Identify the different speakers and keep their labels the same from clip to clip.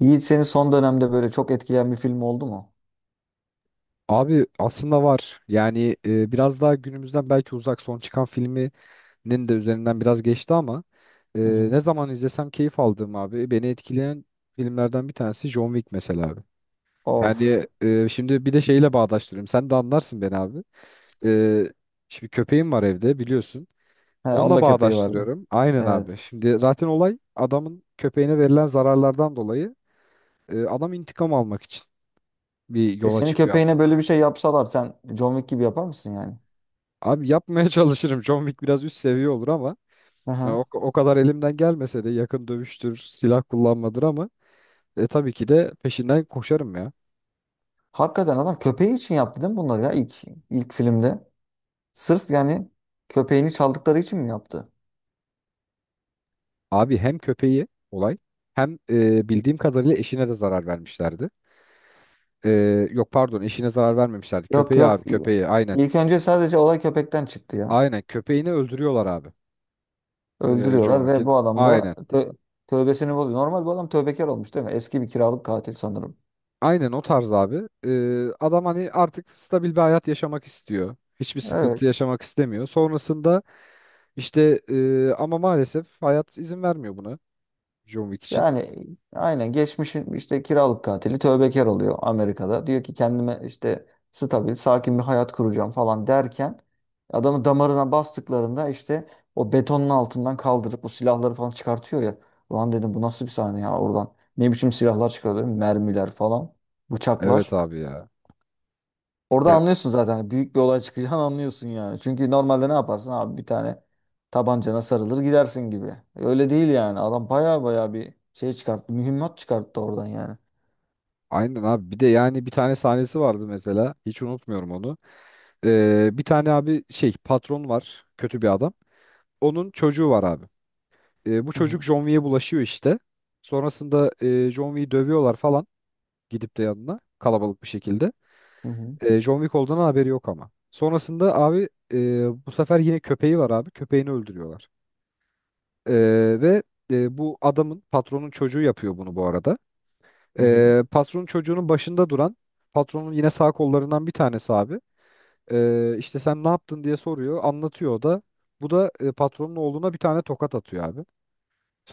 Speaker 1: Yiğit seni son dönemde böyle çok etkileyen bir film oldu mu?
Speaker 2: Abi aslında var. Biraz daha günümüzden belki uzak son çıkan filminin de üzerinden biraz geçti ama e,
Speaker 1: Hı hı.
Speaker 2: ne zaman izlesem keyif aldığım abi beni etkileyen filmlerden bir tanesi John Wick mesela abi.
Speaker 1: Of.
Speaker 2: Şimdi bir de şeyle bağdaştırayım. Sen de anlarsın beni abi. E, şimdi köpeğim var evde biliyorsun.
Speaker 1: He,
Speaker 2: Onunla
Speaker 1: onda köpeği vardı.
Speaker 2: bağdaştırıyorum. Aynen abi.
Speaker 1: Evet.
Speaker 2: Şimdi zaten olay adamın köpeğine verilen zararlardan dolayı adam intikam almak için bir
Speaker 1: E
Speaker 2: yola
Speaker 1: senin
Speaker 2: çıkıyor
Speaker 1: köpeğine böyle bir
Speaker 2: aslında.
Speaker 1: şey yapsalar sen John Wick gibi yapar mısın yani?
Speaker 2: Abi yapmaya çalışırım. John Wick biraz üst seviye olur ama ya
Speaker 1: Aha.
Speaker 2: o kadar elimden gelmese de yakın dövüştür, silah kullanmadır ama tabii ki de peşinden koşarım ya.
Speaker 1: Hakikaten adam köpeği için yaptı değil mi bunları ya ilk filmde? Sırf yani köpeğini çaldıkları için mi yaptı?
Speaker 2: Abi hem köpeği olay hem bildiğim kadarıyla eşine de zarar vermişlerdi. E, yok pardon eşine zarar vermemişlerdi.
Speaker 1: Yok
Speaker 2: Köpeği
Speaker 1: yok.
Speaker 2: abi köpeği aynen.
Speaker 1: İlk önce sadece olay köpekten çıktı ya.
Speaker 2: Aynen köpeğini öldürüyorlar abi. John
Speaker 1: Öldürüyorlar ve
Speaker 2: Wick'in
Speaker 1: bu adam da
Speaker 2: aynen.
Speaker 1: tövbesini bozuyor. Normal bu adam tövbekar olmuş değil mi? Eski bir kiralık katil sanırım.
Speaker 2: Aynen o tarz abi. Adam hani artık stabil bir hayat yaşamak istiyor. Hiçbir sıkıntı
Speaker 1: Evet.
Speaker 2: yaşamak istemiyor. Sonrasında İşte ama maalesef hayat izin vermiyor buna John Wick için.
Speaker 1: Yani aynen geçmişin işte kiralık katili tövbekar oluyor Amerika'da. Diyor ki kendime işte stabil, sakin bir hayat kuracağım falan derken adamı damarına bastıklarında işte o betonun altından kaldırıp bu silahları falan çıkartıyor ya. Ulan dedim bu nasıl bir sahne ya oradan. Ne biçim silahlar çıkarıyor, mermiler falan,
Speaker 2: Evet
Speaker 1: bıçaklar.
Speaker 2: abi ya.
Speaker 1: Orada
Speaker 2: Ya
Speaker 1: anlıyorsun zaten. Hani büyük bir olay çıkacağını anlıyorsun yani. Çünkü normalde ne yaparsın abi, bir tane tabancana sarılır gidersin gibi. Öyle değil yani. Adam baya baya bir şey çıkarttı. Mühimmat çıkarttı oradan yani.
Speaker 2: aynen abi bir de yani bir tane sahnesi vardı mesela hiç unutmuyorum onu. Bir tane abi şey patron var kötü bir adam. Onun çocuğu var abi. Bu
Speaker 1: Hı
Speaker 2: çocuk
Speaker 1: hı.
Speaker 2: John Wick'e bulaşıyor işte. Sonrasında John Wick'i dövüyorlar falan gidip de yanına kalabalık bir şekilde.
Speaker 1: Hı hı.
Speaker 2: John Wick olduğundan haberi yok ama. Sonrasında abi, bu sefer yine köpeği var abi köpeğini öldürüyorlar. Ee, ve bu adamın patronun çocuğu yapıyor bunu bu arada.
Speaker 1: Hı hı.
Speaker 2: Patronun çocuğunun başında duran patronun yine sağ kollarından bir tanesi abi. İşte sen ne yaptın diye soruyor, anlatıyor o da. Bu da patronun oğluna bir tane tokat atıyor abi.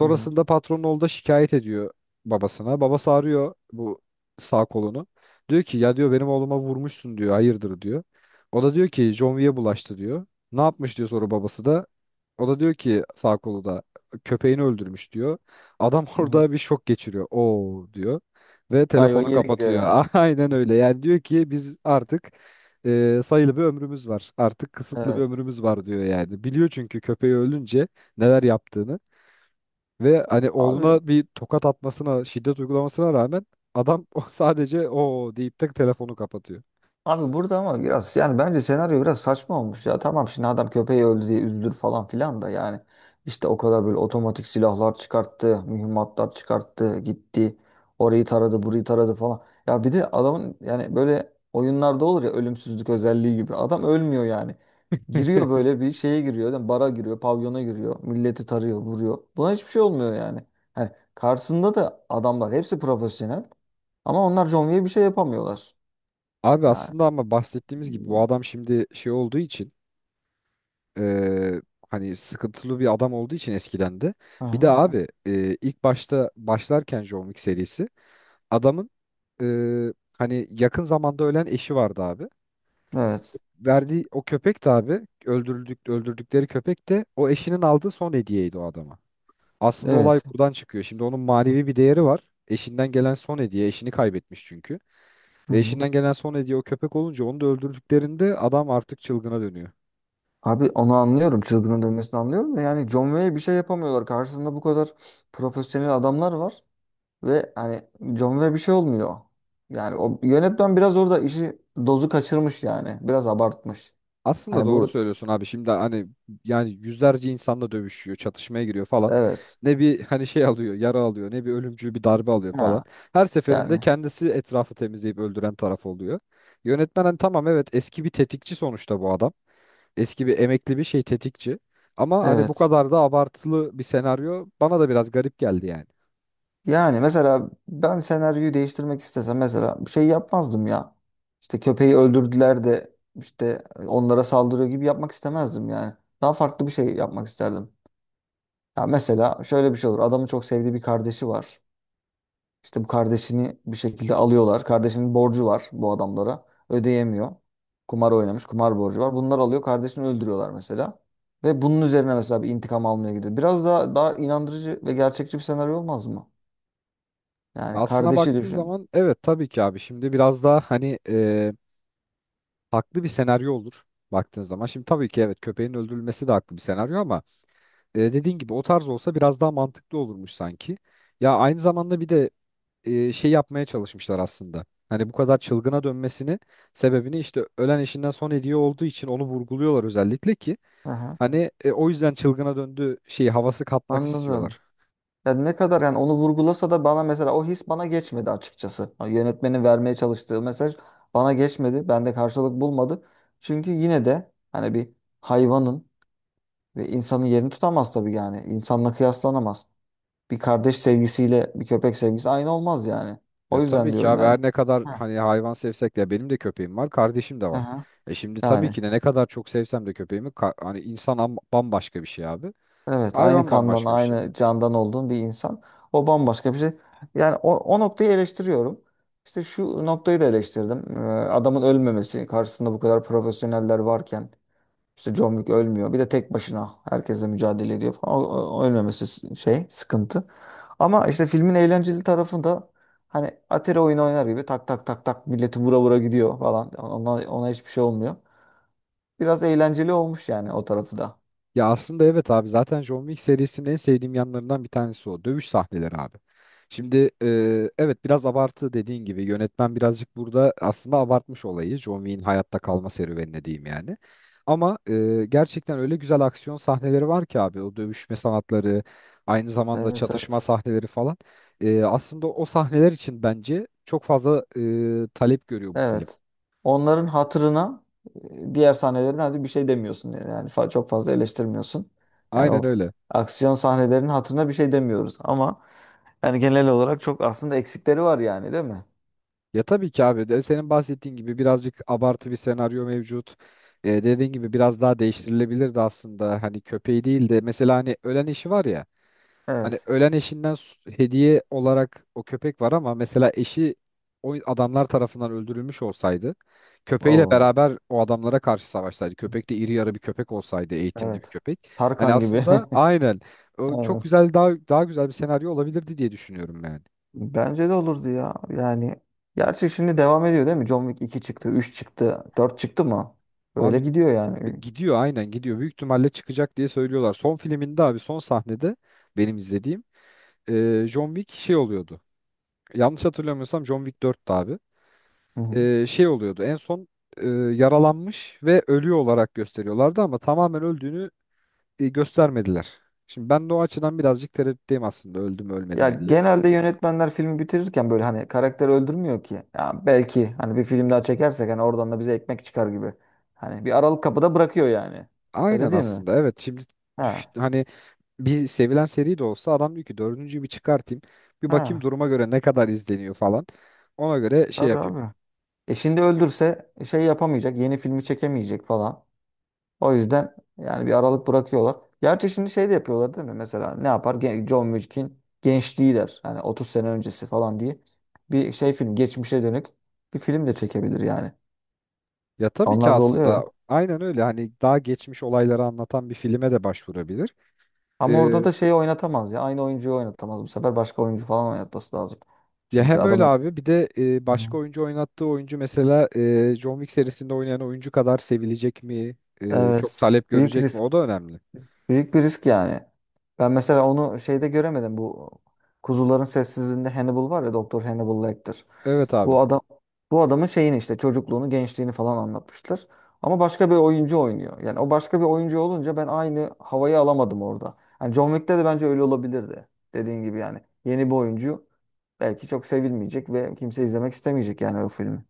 Speaker 1: Hı hı.
Speaker 2: patronun oğlu da şikayet ediyor babasına. Babası arıyor bu sağ kolunu. Diyor ki ya diyor benim oğluma vurmuşsun diyor. Hayırdır diyor. O da diyor ki John Wick'e bulaştı diyor. Ne yapmış diyor sonra babası da. O da diyor ki sağ kolu da köpeğini öldürmüş diyor. Adam
Speaker 1: Hı hı.
Speaker 2: orada bir şok geçiriyor. Oo diyor. Ve
Speaker 1: Ayva
Speaker 2: telefonu
Speaker 1: yedik diyor yani.
Speaker 2: kapatıyor. Aynen öyle. Yani diyor ki biz artık, sayılı bir ömrümüz var. Artık kısıtlı bir
Speaker 1: Evet.
Speaker 2: ömrümüz var diyor yani. Biliyor çünkü köpeği ölünce neler yaptığını. Ve hani
Speaker 1: Abi
Speaker 2: oğluna bir tokat atmasına, şiddet uygulamasına rağmen adam o sadece o deyip de telefonu kapatıyor.
Speaker 1: Abi, burada ama biraz yani bence senaryo biraz saçma olmuş ya. Tamam şimdi adam köpeği öldü diye üzülür falan filan da yani işte o kadar böyle otomatik silahlar çıkarttı, mühimmatlar çıkarttı, gitti. Orayı taradı, burayı taradı falan. Ya bir de adamın yani böyle oyunlarda olur ya ölümsüzlük özelliği gibi. Adam ölmüyor yani. Giriyor, böyle bir şeye giriyor, yani bara giriyor, pavyona giriyor, milleti tarıyor, vuruyor. Buna hiçbir şey olmuyor yani. Hani karşısında da adamlar hepsi profesyonel ama onlar John Wick'e bir şey yapamıyorlar.
Speaker 2: Abi
Speaker 1: Yani.
Speaker 2: aslında ama bahsettiğimiz gibi bu adam şimdi şey olduğu için eee, hani sıkıntılı bir adam olduğu için eskiden de. Bir de
Speaker 1: Aha.
Speaker 2: abi ilk başta başlarken John Wick serisi adamın hani yakın zamanda ölen eşi vardı abi.
Speaker 1: Evet.
Speaker 2: Verdiği o köpek de abi öldürdükleri köpek de o eşinin aldığı son hediyeydi o adama. Aslında olay
Speaker 1: Evet.
Speaker 2: buradan çıkıyor. Şimdi onun manevi bir değeri var. Eşinden gelen son hediye. Eşini kaybetmiş çünkü.
Speaker 1: Hı
Speaker 2: Ve
Speaker 1: hı.
Speaker 2: eşinden gelen son hediye o köpek olunca onu da öldürdüklerinde adam artık çılgına dönüyor.
Speaker 1: Abi onu anlıyorum. Çılgının dönmesini anlıyorum da yani John Wayne bir şey yapamıyorlar. Karşısında bu kadar profesyonel adamlar var ve hani John Wayne bir şey olmuyor. Yani o yönetmen biraz orada işi dozu kaçırmış yani. Biraz abartmış.
Speaker 2: Aslında
Speaker 1: Hani
Speaker 2: doğru
Speaker 1: bu,
Speaker 2: söylüyorsun abi. Şimdi hani yani yüzlerce insanla dövüşüyor, çatışmaya giriyor falan.
Speaker 1: evet.
Speaker 2: Ne bir hani şey alıyor, yara alıyor, ne bir ölümcül bir darbe alıyor falan.
Speaker 1: Ha
Speaker 2: Her seferinde
Speaker 1: yani,
Speaker 2: kendisi etrafı temizleyip öldüren taraf oluyor. Yönetmen hani tamam evet eski bir tetikçi sonuçta bu adam. Eski bir emekli bir şey tetikçi. Ama hani bu
Speaker 1: evet.
Speaker 2: kadar da abartılı bir senaryo bana da biraz garip geldi yani.
Speaker 1: Yani mesela ben senaryoyu değiştirmek istesem mesela bir şey yapmazdım ya. İşte köpeği öldürdüler de işte onlara saldırıyor gibi yapmak istemezdim yani. Daha farklı bir şey yapmak isterdim. Ya mesela şöyle bir şey olur. Adamın çok sevdiği bir kardeşi var. İşte bu kardeşini bir şekilde alıyorlar. Kardeşinin borcu var bu adamlara. Ödeyemiyor. Kumar oynamış. Kumar borcu var. Bunlar alıyor. Kardeşini öldürüyorlar mesela. Ve bunun üzerine mesela bir intikam almaya gidiyor. Biraz daha inandırıcı ve gerçekçi bir senaryo olmaz mı? Yani
Speaker 2: Aslına
Speaker 1: kardeşi
Speaker 2: baktığın
Speaker 1: düşün.
Speaker 2: zaman evet tabii ki abi şimdi biraz daha hani, haklı bir senaryo olur baktığın zaman. Şimdi tabii ki evet köpeğin öldürülmesi de haklı bir senaryo ama dediğin gibi o tarz olsa biraz daha mantıklı olurmuş sanki. Ya aynı zamanda bir de şey yapmaya çalışmışlar aslında. Hani bu kadar çılgına dönmesini sebebini işte ölen eşinden son hediye olduğu için onu vurguluyorlar özellikle ki.
Speaker 1: Aha,
Speaker 2: Hani o yüzden çılgına döndü şey havası katmak
Speaker 1: anladım.
Speaker 2: istiyorlar.
Speaker 1: Ya ne kadar yani onu vurgulasa da bana mesela o his bana geçmedi açıkçası. Ha, yönetmenin vermeye çalıştığı mesaj bana geçmedi. Bende karşılık bulmadı. Çünkü yine de hani bir hayvanın ve insanın yerini tutamaz tabii yani. İnsanla kıyaslanamaz. Bir kardeş sevgisiyle bir köpek sevgisi aynı olmaz yani.
Speaker 2: Ya
Speaker 1: O yüzden
Speaker 2: tabii ki
Speaker 1: diyorum
Speaker 2: abi
Speaker 1: yani.
Speaker 2: her ne kadar
Speaker 1: Ha,
Speaker 2: hani hayvan sevsek de benim de köpeğim var, kardeşim de var.
Speaker 1: aha,
Speaker 2: E şimdi tabii
Speaker 1: yani.
Speaker 2: ki de ne kadar çok sevsem de hani bambaşka bir şey abi.
Speaker 1: Evet, aynı
Speaker 2: Hayvan
Speaker 1: kandan,
Speaker 2: bambaşka bir şey.
Speaker 1: aynı candan olduğun bir insan. O bambaşka bir şey. Yani o noktayı eleştiriyorum. İşte şu noktayı da eleştirdim. Adamın ölmemesi, karşısında bu kadar profesyoneller varken işte John Wick ölmüyor. Bir de tek başına herkesle mücadele ediyor falan. O ölmemesi şey, sıkıntı. Ama işte filmin eğlenceli tarafında hani Atari oyunu oynar gibi tak tak tak tak milleti vura vura gidiyor falan. Ona hiçbir şey olmuyor. Biraz eğlenceli olmuş yani o tarafı da.
Speaker 2: Ya aslında evet abi zaten John Wick serisinin en sevdiğim yanlarından bir tanesi o. Dövüş sahneleri abi. Şimdi evet biraz abartı dediğin gibi yönetmen birazcık burada aslında abartmış olayı. John Wick'in hayatta kalma serüvenine diyeyim yani. Ama gerçekten öyle güzel aksiyon sahneleri var ki abi o dövüşme sanatları aynı zamanda
Speaker 1: Evet
Speaker 2: çatışma
Speaker 1: evet.
Speaker 2: sahneleri falan. Aslında o sahneler için bence çok fazla talep görüyor bu film.
Speaker 1: Evet. Onların hatırına, diğer sahnelerden hadi bir şey demiyorsun. Yani çok fazla eleştirmiyorsun. Yani
Speaker 2: Aynen
Speaker 1: o
Speaker 2: öyle.
Speaker 1: aksiyon sahnelerinin hatırına bir şey demiyoruz ama yani genel olarak çok aslında eksikleri var yani, değil mi?
Speaker 2: Ya tabii ki abi de senin bahsettiğin gibi birazcık abartı bir senaryo mevcut. Dediğin gibi biraz daha değiştirilebilirdi aslında. Hani köpeği değil de mesela hani ölen eşi var ya. Hani
Speaker 1: Evet.
Speaker 2: ölen eşinden hediye olarak o köpek var ama mesela eşi o adamlar tarafından öldürülmüş olsaydı köpeğiyle
Speaker 1: Oo,
Speaker 2: beraber o adamlara karşı savaşsaydı. Köpek de iri yarı bir köpek olsaydı, eğitimli bir
Speaker 1: evet.
Speaker 2: köpek. Hani
Speaker 1: Tarkan gibi.
Speaker 2: aslında aynen o çok
Speaker 1: Evet.
Speaker 2: güzel daha güzel bir senaryo olabilirdi diye düşünüyorum yani.
Speaker 1: Bence de olurdu ya. Yani gerçi şimdi devam ediyor, değil mi? John Wick 2 çıktı, 3 çıktı, 4 çıktı mı? Böyle
Speaker 2: Abi
Speaker 1: gidiyor yani.
Speaker 2: gidiyor aynen gidiyor. Büyük ihtimalle çıkacak diye söylüyorlar. Son filminde abi son sahnede benim izlediğim John Wick şey oluyordu. Yanlış hatırlamıyorsam John Wick 4'tü abi.
Speaker 1: Hı hı.
Speaker 2: Şey oluyordu en son, yaralanmış ve ölüyor olarak gösteriyorlardı ama tamamen öldüğünü göstermediler. Şimdi ben de o açıdan birazcık tereddütteyim aslında öldü mü ölmedi
Speaker 1: Ya
Speaker 2: mi diye.
Speaker 1: genelde yönetmenler filmi bitirirken böyle hani karakter öldürmüyor ki. Ya belki hani bir film daha çekersek hani oradan da bize ekmek çıkar gibi. Hani bir aralık kapıda bırakıyor yani. Öyle
Speaker 2: Aynen
Speaker 1: değil mi?
Speaker 2: aslında evet şimdi üf,
Speaker 1: Ha.
Speaker 2: hani bir sevilen seri de olsa adam diyor ki dördüncüyü bir çıkartayım bir bakayım
Speaker 1: Ha.
Speaker 2: duruma göre ne kadar izleniyor falan. Ona göre şey
Speaker 1: Tabii
Speaker 2: yapayım.
Speaker 1: abi. E şimdi öldürse şey yapamayacak, yeni filmi çekemeyecek falan. O yüzden yani bir aralık bırakıyorlar. Gerçi şimdi şey de yapıyorlar, değil mi? Mesela ne yapar? John Wick'in gençliği der. Hani 30 sene öncesi falan diye. Bir şey, film geçmişe dönük bir film de çekebilir yani.
Speaker 2: Ya tabii ki
Speaker 1: Onlar da oluyor ya.
Speaker 2: aslında aynen öyle hani daha geçmiş olayları anlatan bir filme de başvurabilir.
Speaker 1: Ama
Speaker 2: Ee,
Speaker 1: orada da şeyi oynatamaz ya. Aynı oyuncuyu oynatamaz. Bu sefer başka oyuncu falan oynatması lazım.
Speaker 2: ya
Speaker 1: Çünkü
Speaker 2: hem öyle
Speaker 1: adamın,
Speaker 2: abi bir de
Speaker 1: hı.
Speaker 2: başka oyuncu oynattığı oyuncu mesela John Wick serisinde oynayan oyuncu kadar sevilecek mi? Çok
Speaker 1: Evet,
Speaker 2: talep
Speaker 1: büyük
Speaker 2: görecek mi?
Speaker 1: risk.
Speaker 2: O da önemli.
Speaker 1: Büyük bir risk yani. Ben mesela onu şeyde göremedim. Bu Kuzuların Sessizliğinde Hannibal var ya, Doktor Hannibal Lecter.
Speaker 2: Evet abi.
Speaker 1: Bu adam bu adamın şeyini, işte çocukluğunu, gençliğini falan anlatmışlar. Ama başka bir oyuncu oynuyor. Yani o başka bir oyuncu olunca ben aynı havayı alamadım orada. Yani John Wick'te de bence öyle olabilirdi. Dediğin gibi yani yeni bir oyuncu belki çok sevilmeyecek ve kimse izlemek istemeyecek yani o filmi.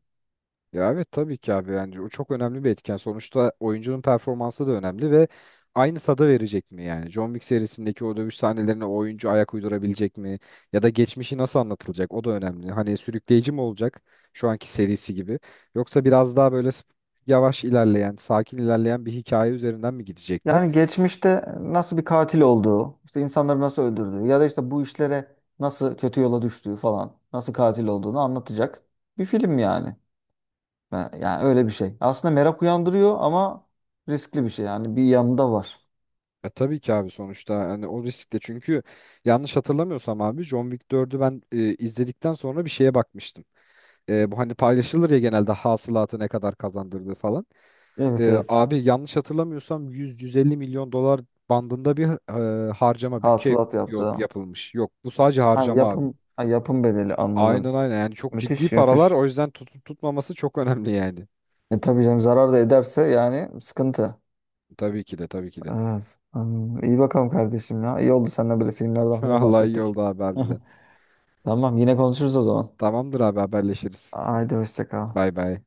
Speaker 2: Ya evet tabii ki abi yani o çok önemli bir etken. Sonuçta oyuncunun performansı da önemli ve aynı tadı verecek mi yani? John Wick serisindeki o dövüş sahnelerine o oyuncu ayak uydurabilecek mi? Ya da geçmişi nasıl anlatılacak? O da önemli. Hani sürükleyici mi olacak şu anki serisi gibi? Yoksa biraz daha böyle yavaş ilerleyen, sakin ilerleyen bir hikaye üzerinden mi gidecekler?
Speaker 1: Yani geçmişte nasıl bir katil olduğu, işte insanları nasıl öldürdüğü ya da işte bu işlere nasıl kötü yola düştüğü falan, nasıl katil olduğunu anlatacak bir film yani. Yani öyle bir şey. Aslında merak uyandırıyor ama riskli bir şey yani, bir yanında var.
Speaker 2: E tabii ki abi sonuçta hani o riskte çünkü yanlış hatırlamıyorsam abi John Wick 4'ü ben izledikten sonra bir şeye bakmıştım. Bu hani paylaşılır ya genelde hasılatı ne kadar kazandırdı falan.
Speaker 1: Evet evet.
Speaker 2: Abi yanlış hatırlamıyorsam 100-150 milyon dolar bandında bir harcama bütçe
Speaker 1: Hasılat yaptı.
Speaker 2: yapılmış. Yok bu sadece
Speaker 1: Ha,
Speaker 2: harcama abi.
Speaker 1: yapım bedeli,
Speaker 2: Aynen
Speaker 1: anladım.
Speaker 2: aynen yani çok ciddi
Speaker 1: Müthiş,
Speaker 2: paralar
Speaker 1: müthiş.
Speaker 2: o yüzden tutup tutmaması çok önemli yani.
Speaker 1: E tabii canım, zarar da ederse yani sıkıntı.
Speaker 2: Tabii ki de tabii ki de.
Speaker 1: Evet. Hmm, iyi bakalım kardeşim ya. İyi oldu seninle böyle filmlerden falan
Speaker 2: Allah iyi
Speaker 1: bahsettik.
Speaker 2: oldu abi harbiden.
Speaker 1: Tamam, yine konuşuruz o zaman.
Speaker 2: Tamamdır abi haberleşiriz.
Speaker 1: Haydi hoşça kal.
Speaker 2: Bay bay.